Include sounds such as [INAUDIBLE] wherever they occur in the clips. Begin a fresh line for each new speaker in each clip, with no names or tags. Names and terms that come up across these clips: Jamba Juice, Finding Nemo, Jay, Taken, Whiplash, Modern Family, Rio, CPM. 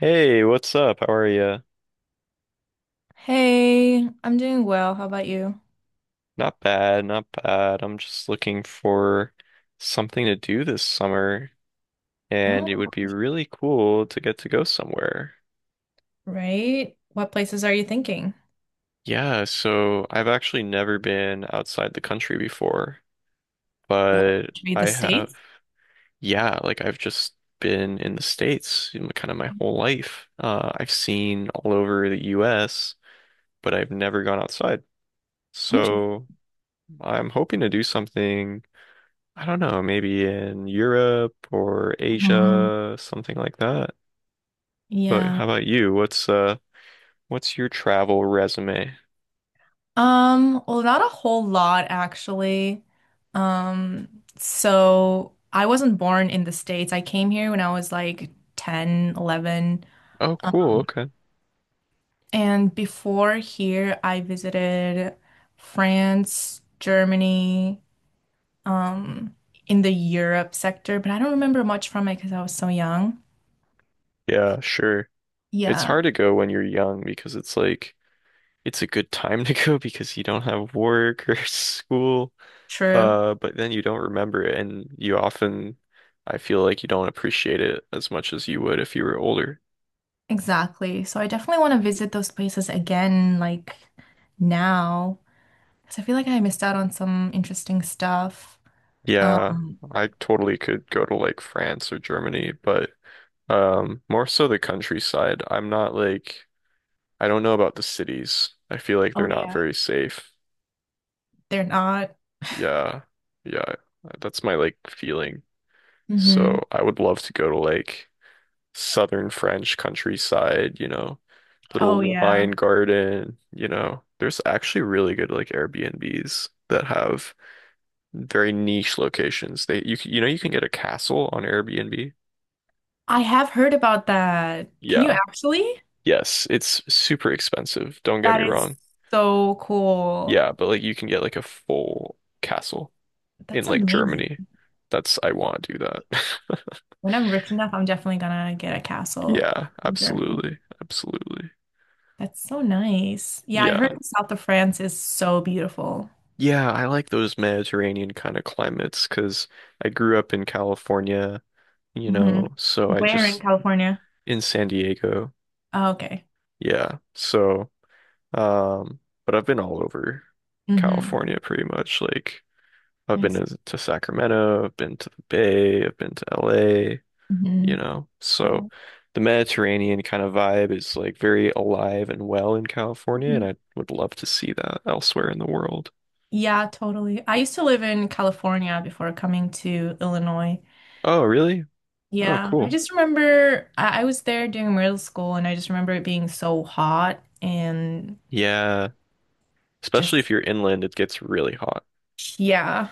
Hey, what's up? How are you?
Hey, I'm doing well. How about you?
Not bad, not bad. I'm just looking for something to do this summer, and it
Oh,
would be really cool to get to go somewhere.
right. What places are you thinking?
Yeah, so I've actually never been outside the country before,
What
but
should be the
I have,
states?
yeah, like I've just been in the States in kind of my whole life. I've seen all over the US, but I've never gone outside.
Interesting.
So I'm hoping to do something. I don't know, maybe in Europe or
Hmm.
Asia, something like that. But
Yeah.
how about you? What's your travel resume?
Well, not a whole lot actually. So I wasn't born in the States. I came here when I was like 10, 11.
Oh,
Um,
cool. Okay.
and before here, I visited France, Germany, um in the Europe sector, but I don't remember much from it because I was so young.
Yeah, sure. It's
Yeah,
hard to go when you're young because it's like it's a good time to go [LAUGHS] because you don't have work or [LAUGHS] school.
true.
But then you don't remember it and you often I feel like you don't appreciate it as much as you would if you were older.
Exactly. So I definitely want to visit those places again, like now, because I feel like I missed out on some interesting stuff.
Yeah,
Um,
I totally could go to like France or Germany, but more so the countryside. I'm not like I don't know about the cities. I feel like they're
oh
not
yeah,
very safe.
they're not.
Yeah. Yeah. That's my like feeling.
Hmm.
So I would love to go to like southern French countryside, you know, little
Oh yeah.
wine garden, you know. There's actually really good like Airbnbs that have very niche locations. They you know you can get a castle on Airbnb.
I have heard about that. Can you
Yeah.
actually?
Yes, it's super expensive. Don't get me
That is
wrong.
so cool.
Yeah, but like you can get like a full castle in
That's
like
amazing.
Germany. That's I want to do that. [LAUGHS]
When I'm rich enough, I'm definitely gonna get a castle
Yeah,
in Germany.
absolutely. Absolutely.
That's so nice. Yeah, I heard
Yeah.
the south of France is so beautiful.
Yeah, I like those Mediterranean kind of climates because I grew up in California, you
Hmm.
know, so I
Where in
just
California?
in San Diego.
Oh, okay.
Yeah. So, but I've been all over
Hmm.
California pretty much. Like I've been
Nice.
to Sacramento, I've been to the Bay, I've been to LA, you
Hmm.
know.
Yeah.
So the Mediterranean kind of vibe is like very alive and well in California, and
Mhm.
I would love to see that elsewhere in the world.
Yeah, totally. I used to live in California before coming to Illinois.
Oh, really? Oh,
Yeah, I
cool.
just remember I was there during middle school, and I just remember it being so hot and
Yeah. Especially if
just.
you're inland, it gets really hot.
Yeah.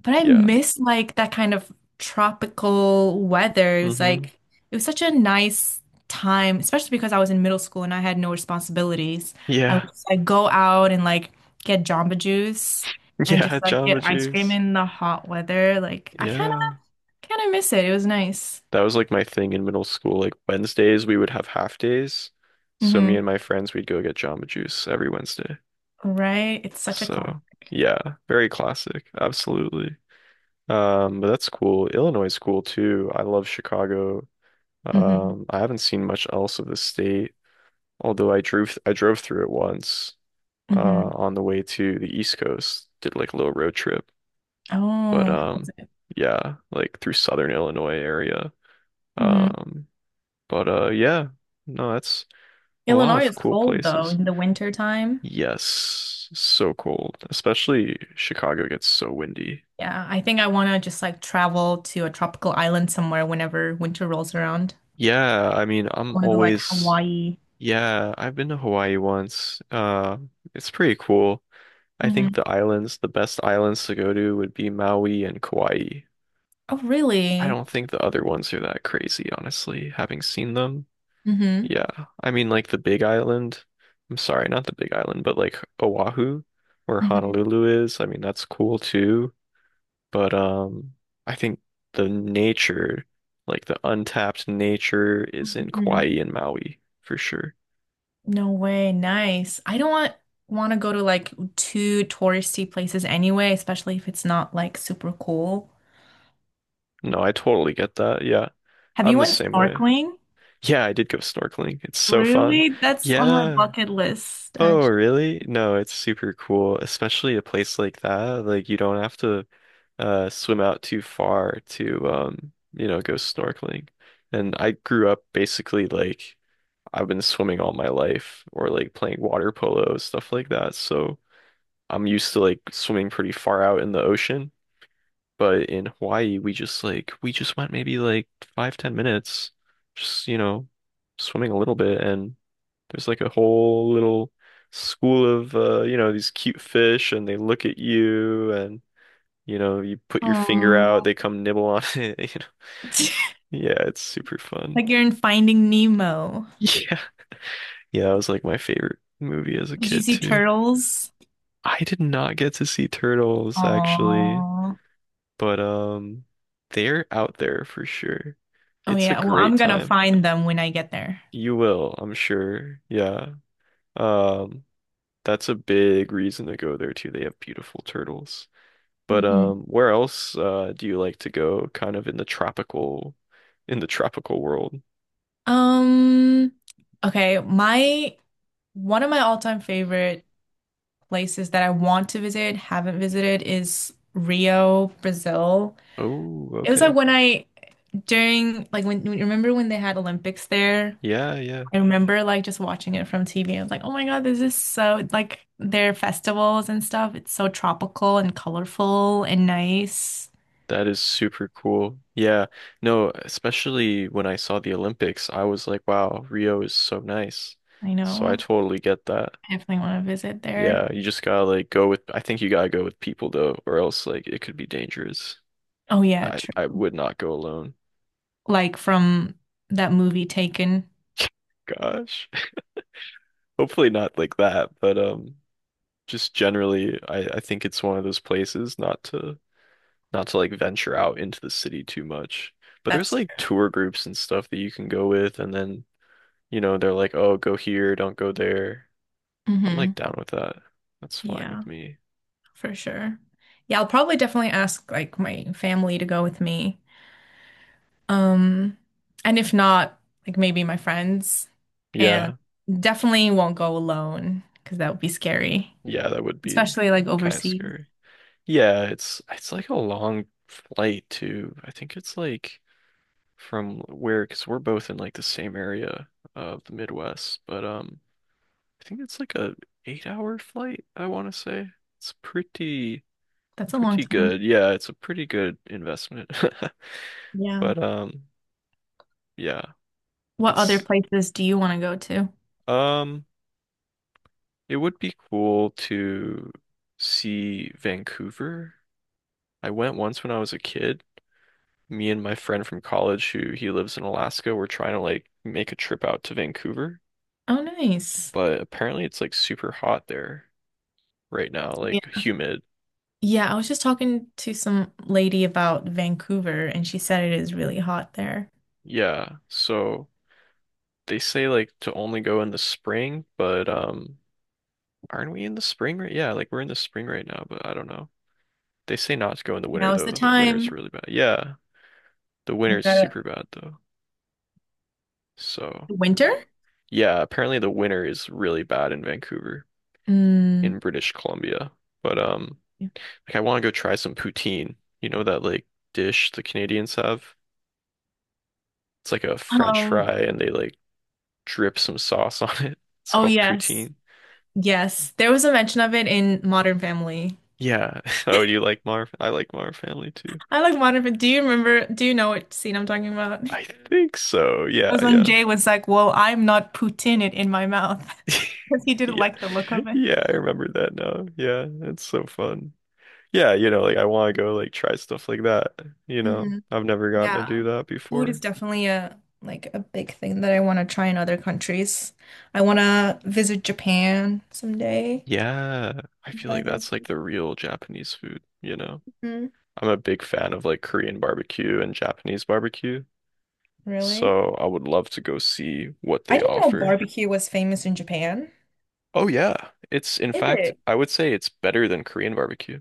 But I
Yeah.
miss like that kind of tropical weather. It was
Mm-hmm.
like it was such a nice time, especially because I was in middle school and I had no responsibilities. I would
Yeah. [LAUGHS]
just like go out and like get Jamba Juice and
Yeah,
just like
Jamba
get ice cream
Juice.
in the hot weather. Like I kind
Yeah.
of kind of miss it. It was nice.
That was like my thing in middle school. Like Wednesdays we would have half days. So me
Hmm.
and my friends we'd go get Jamba Juice every Wednesday.
Right? It's such a class.
So yeah, very classic. Absolutely. But that's cool. Illinois is cool too. I love Chicago.
Hmm.
I haven't seen much else of the state, although I drove through it once, uh,
Hmm.
on the way to the East Coast. Did like a little road trip, but
Oh, how was it?
yeah, like through Southern Illinois area.
Hmm.
Um, but yeah, no, that's a lot
Illinois
of
is
cool
cold though
places.
in the winter time.
Yes, so cold, especially Chicago gets so windy.
Yeah, I think I want to just like travel to a tropical island somewhere whenever winter rolls around.
Yeah, I mean,
I
I'm
want to go like
always.
Hawaii.
Yeah, I've been to Hawaii once. It's pretty cool. I think
Hmm.
the islands, the best islands to go to would be Maui and Kauai.
Oh,
I
really?
don't think the other ones are that crazy, honestly, having seen them.
Hmm.
Yeah, I mean, like the Big Island. I'm sorry, not the Big Island, but like Oahu, where
Hmm.
Honolulu is. I mean, that's cool too. But I think the nature, like the untapped nature, is in
Hmm.
Kauai and Maui for sure.
No way. Nice. I don't want to go to like too touristy places anyway, especially if it's not like super cool.
No, I totally get that. Yeah.
Have
I'm
you
the
went
same way.
snorkeling?
Yeah, I did go snorkeling. It's so fun.
Really? That's on my
Yeah.
bucket list,
Oh,
actually.
really? No, it's super cool, especially a place like that. Like you don't have to swim out too far to you know, go snorkeling. And I grew up basically like I've been swimming all my life or like playing water polo, stuff like that. So I'm used to like swimming pretty far out in the ocean. But in Hawaii, we just went maybe like five, 10 minutes, just you know, swimming a little bit, and there's like a whole little school of you know, these cute fish, and they look at you, and you know, you put your finger
Oh,
out, they come nibble on [LAUGHS] it, you know.
[LAUGHS]
Yeah, it's super fun.
like
[LAUGHS]
you're in Finding Nemo.
Yeah. Yeah, that was like my favorite movie as a
Did you
kid
see
too.
turtles?
I did not get to see turtles actually,
Oh.
but they're out there for sure.
Oh
It's a
yeah. Well,
great
I'm gonna
time.
find them when I get there.
You will, I'm sure. Yeah. Um, that's a big reason to go there too. They have beautiful turtles. But
Hmm.
where else do you like to go? Kind of in the tropical world.
Um, okay, my one of my all-time favorite places that I want to visit, haven't visited, is Rio, Brazil.
Oh,
It was like
okay.
when I during like when- remember when they had Olympics there?
Yeah, yeah.
I remember like just watching it from TV. I was like, oh my God, this is so like their festivals and stuff. It's so tropical and colorful and nice.
That is super cool. Yeah. No, especially when I saw the Olympics, I was like, wow, Rio is so nice.
I
So I
know.
totally get that.
I definitely want to visit there.
Yeah, you just gotta like go with I think you gotta go with people though, or else like it could be dangerous.
Oh yeah,
I would not go alone.
like from that movie Taken.
Gosh. [LAUGHS] Hopefully not like that, but just generally I think it's one of those places not to like venture out into the city too much. But there's
That's
like
true.
tour groups and stuff that you can go with, and then, you know, they're like, "Oh, go here, don't go there." I'm like
Hmm.
down with that. That's fine
Yeah,
with me.
for sure. Yeah, I'll probably definitely ask like my family to go with me. Um, and if not, like maybe my friends. And
Yeah.
definitely won't go alone because that would be scary.
Yeah, that would be
Especially like
kind of
overseas.
scary. It's like a long flight too. I think it's like from where, because we're both in like the same area of the Midwest, but I think it's like a 8 hour flight, I want to say. It's pretty,
That's a long
pretty
time.
good. Yeah, it's a pretty good investment. [LAUGHS]
Yeah.
But yeah,
What other
it's
places do you want to go to?
um, it would be cool to see Vancouver. I went once when I was a kid. Me and my friend from college who he lives in Alaska, were trying to like make a trip out to Vancouver,
Oh, nice.
but apparently it's like super hot there right now, like
Yeah.
humid.
Yeah, I was just talking to some lady about Vancouver, and she said it is really hot there.
Yeah. So they say like to only go in the spring, but aren't we in the spring right? Yeah, like we're in the spring right now, but I don't know. They say not to go in the winter
Now is
though.
the
The winter's
time.
really bad. Yeah, the
You
winter's
gotta.
super bad though. So uh,
Winter?
yeah, apparently the winter is really bad in Vancouver,
Mm,
in British Columbia. But
yeah.
like I want to go try some poutine. You know that like dish the Canadians have? It's like a French
Um,
fry and they like drip some sauce [LAUGHS] on it. It's
oh
called
yes.
poutine.
Yes. There was a mention of it in Modern Family.
Yeah. [LAUGHS] Oh, you like Mar? I like Mar Family too.
I like Modern Family. Do you remember, do you know what scene I'm talking about? [LAUGHS]
I think so.
That
Yeah,
was when
yeah.
Jay was like, "Well, I'm not putting it in my mouth," [LAUGHS] because he
[LAUGHS]
didn't
Yeah.
like the look of it.
Yeah, I remember that now. Yeah, it's so fun. Yeah, you know, like I want to go like try stuff like that, you know.
Hmm.
I've never gotten to do
Yeah.
that
Food is
before.
definitely a like a big thing that I want to try in other countries. I want to visit Japan someday
Yeah, I
and
feel
try
like
their.
that's like the real Japanese food, you know.
Mhm.
I'm a big fan of like Korean barbecue and Japanese barbecue,
Really?
so I would love to go see what
I
they
didn't know
offer.
barbecue was famous in Japan.
Oh yeah,
Is it?
I would say it's better than Korean barbecue.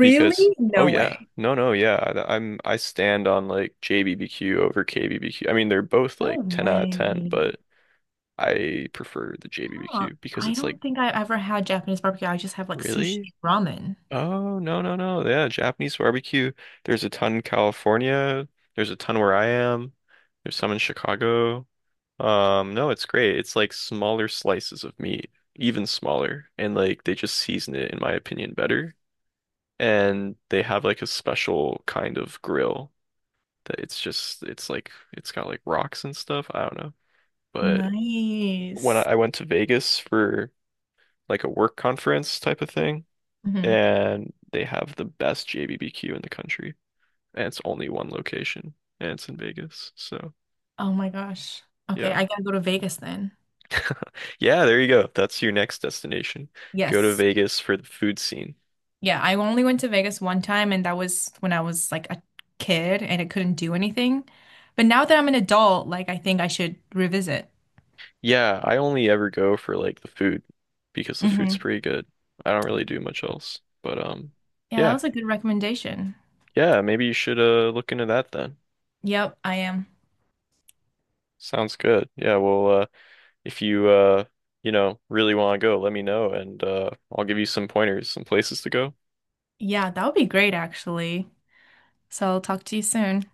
Because oh
No
yeah
way.
no no yeah I stand on like JBBQ over KBBQ. I mean, they're both
No
like 10 out of 10,
way.
but I prefer the
Huh.
JBBQ because
I
it's like
don't think I ever had Japanese barbecue. I just have like sushi
really
and ramen.
oh no no no yeah Japanese barbecue. There's a ton in California, there's a ton where I am, there's some in Chicago. No, it's great. It's like smaller slices of meat, even smaller, and like they just season it in my opinion better, and they have like a special kind of grill that it's just it's like it's got like rocks and stuff. I don't know. But when
Nice.
I went to Vegas for like a work conference type of thing,
Hmm.
and they have the best JBBQ in the country, and it's only one location, and it's in Vegas. So
Oh my gosh. Okay,
yeah,
I gotta go to Vegas then.
yeah, there you go. That's your next destination. Go to
Yes.
Vegas for the food scene.
Yeah, I only went to Vegas one time, and that was when I was like a kid and I couldn't do anything. But now that I'm an adult, like I think I should revisit.
Yeah, I only ever go for like the food because the food's
Hmm.
pretty good. I don't really do much else. But
Yeah, that
yeah,
was a good recommendation.
yeah, maybe you should look into that then.
Yep, I am.
Sounds good. Yeah, well, if you you know, really want to go, let me know, and I'll give you some pointers, some places to go.
Yeah, that would be great actually. So I'll talk to you soon.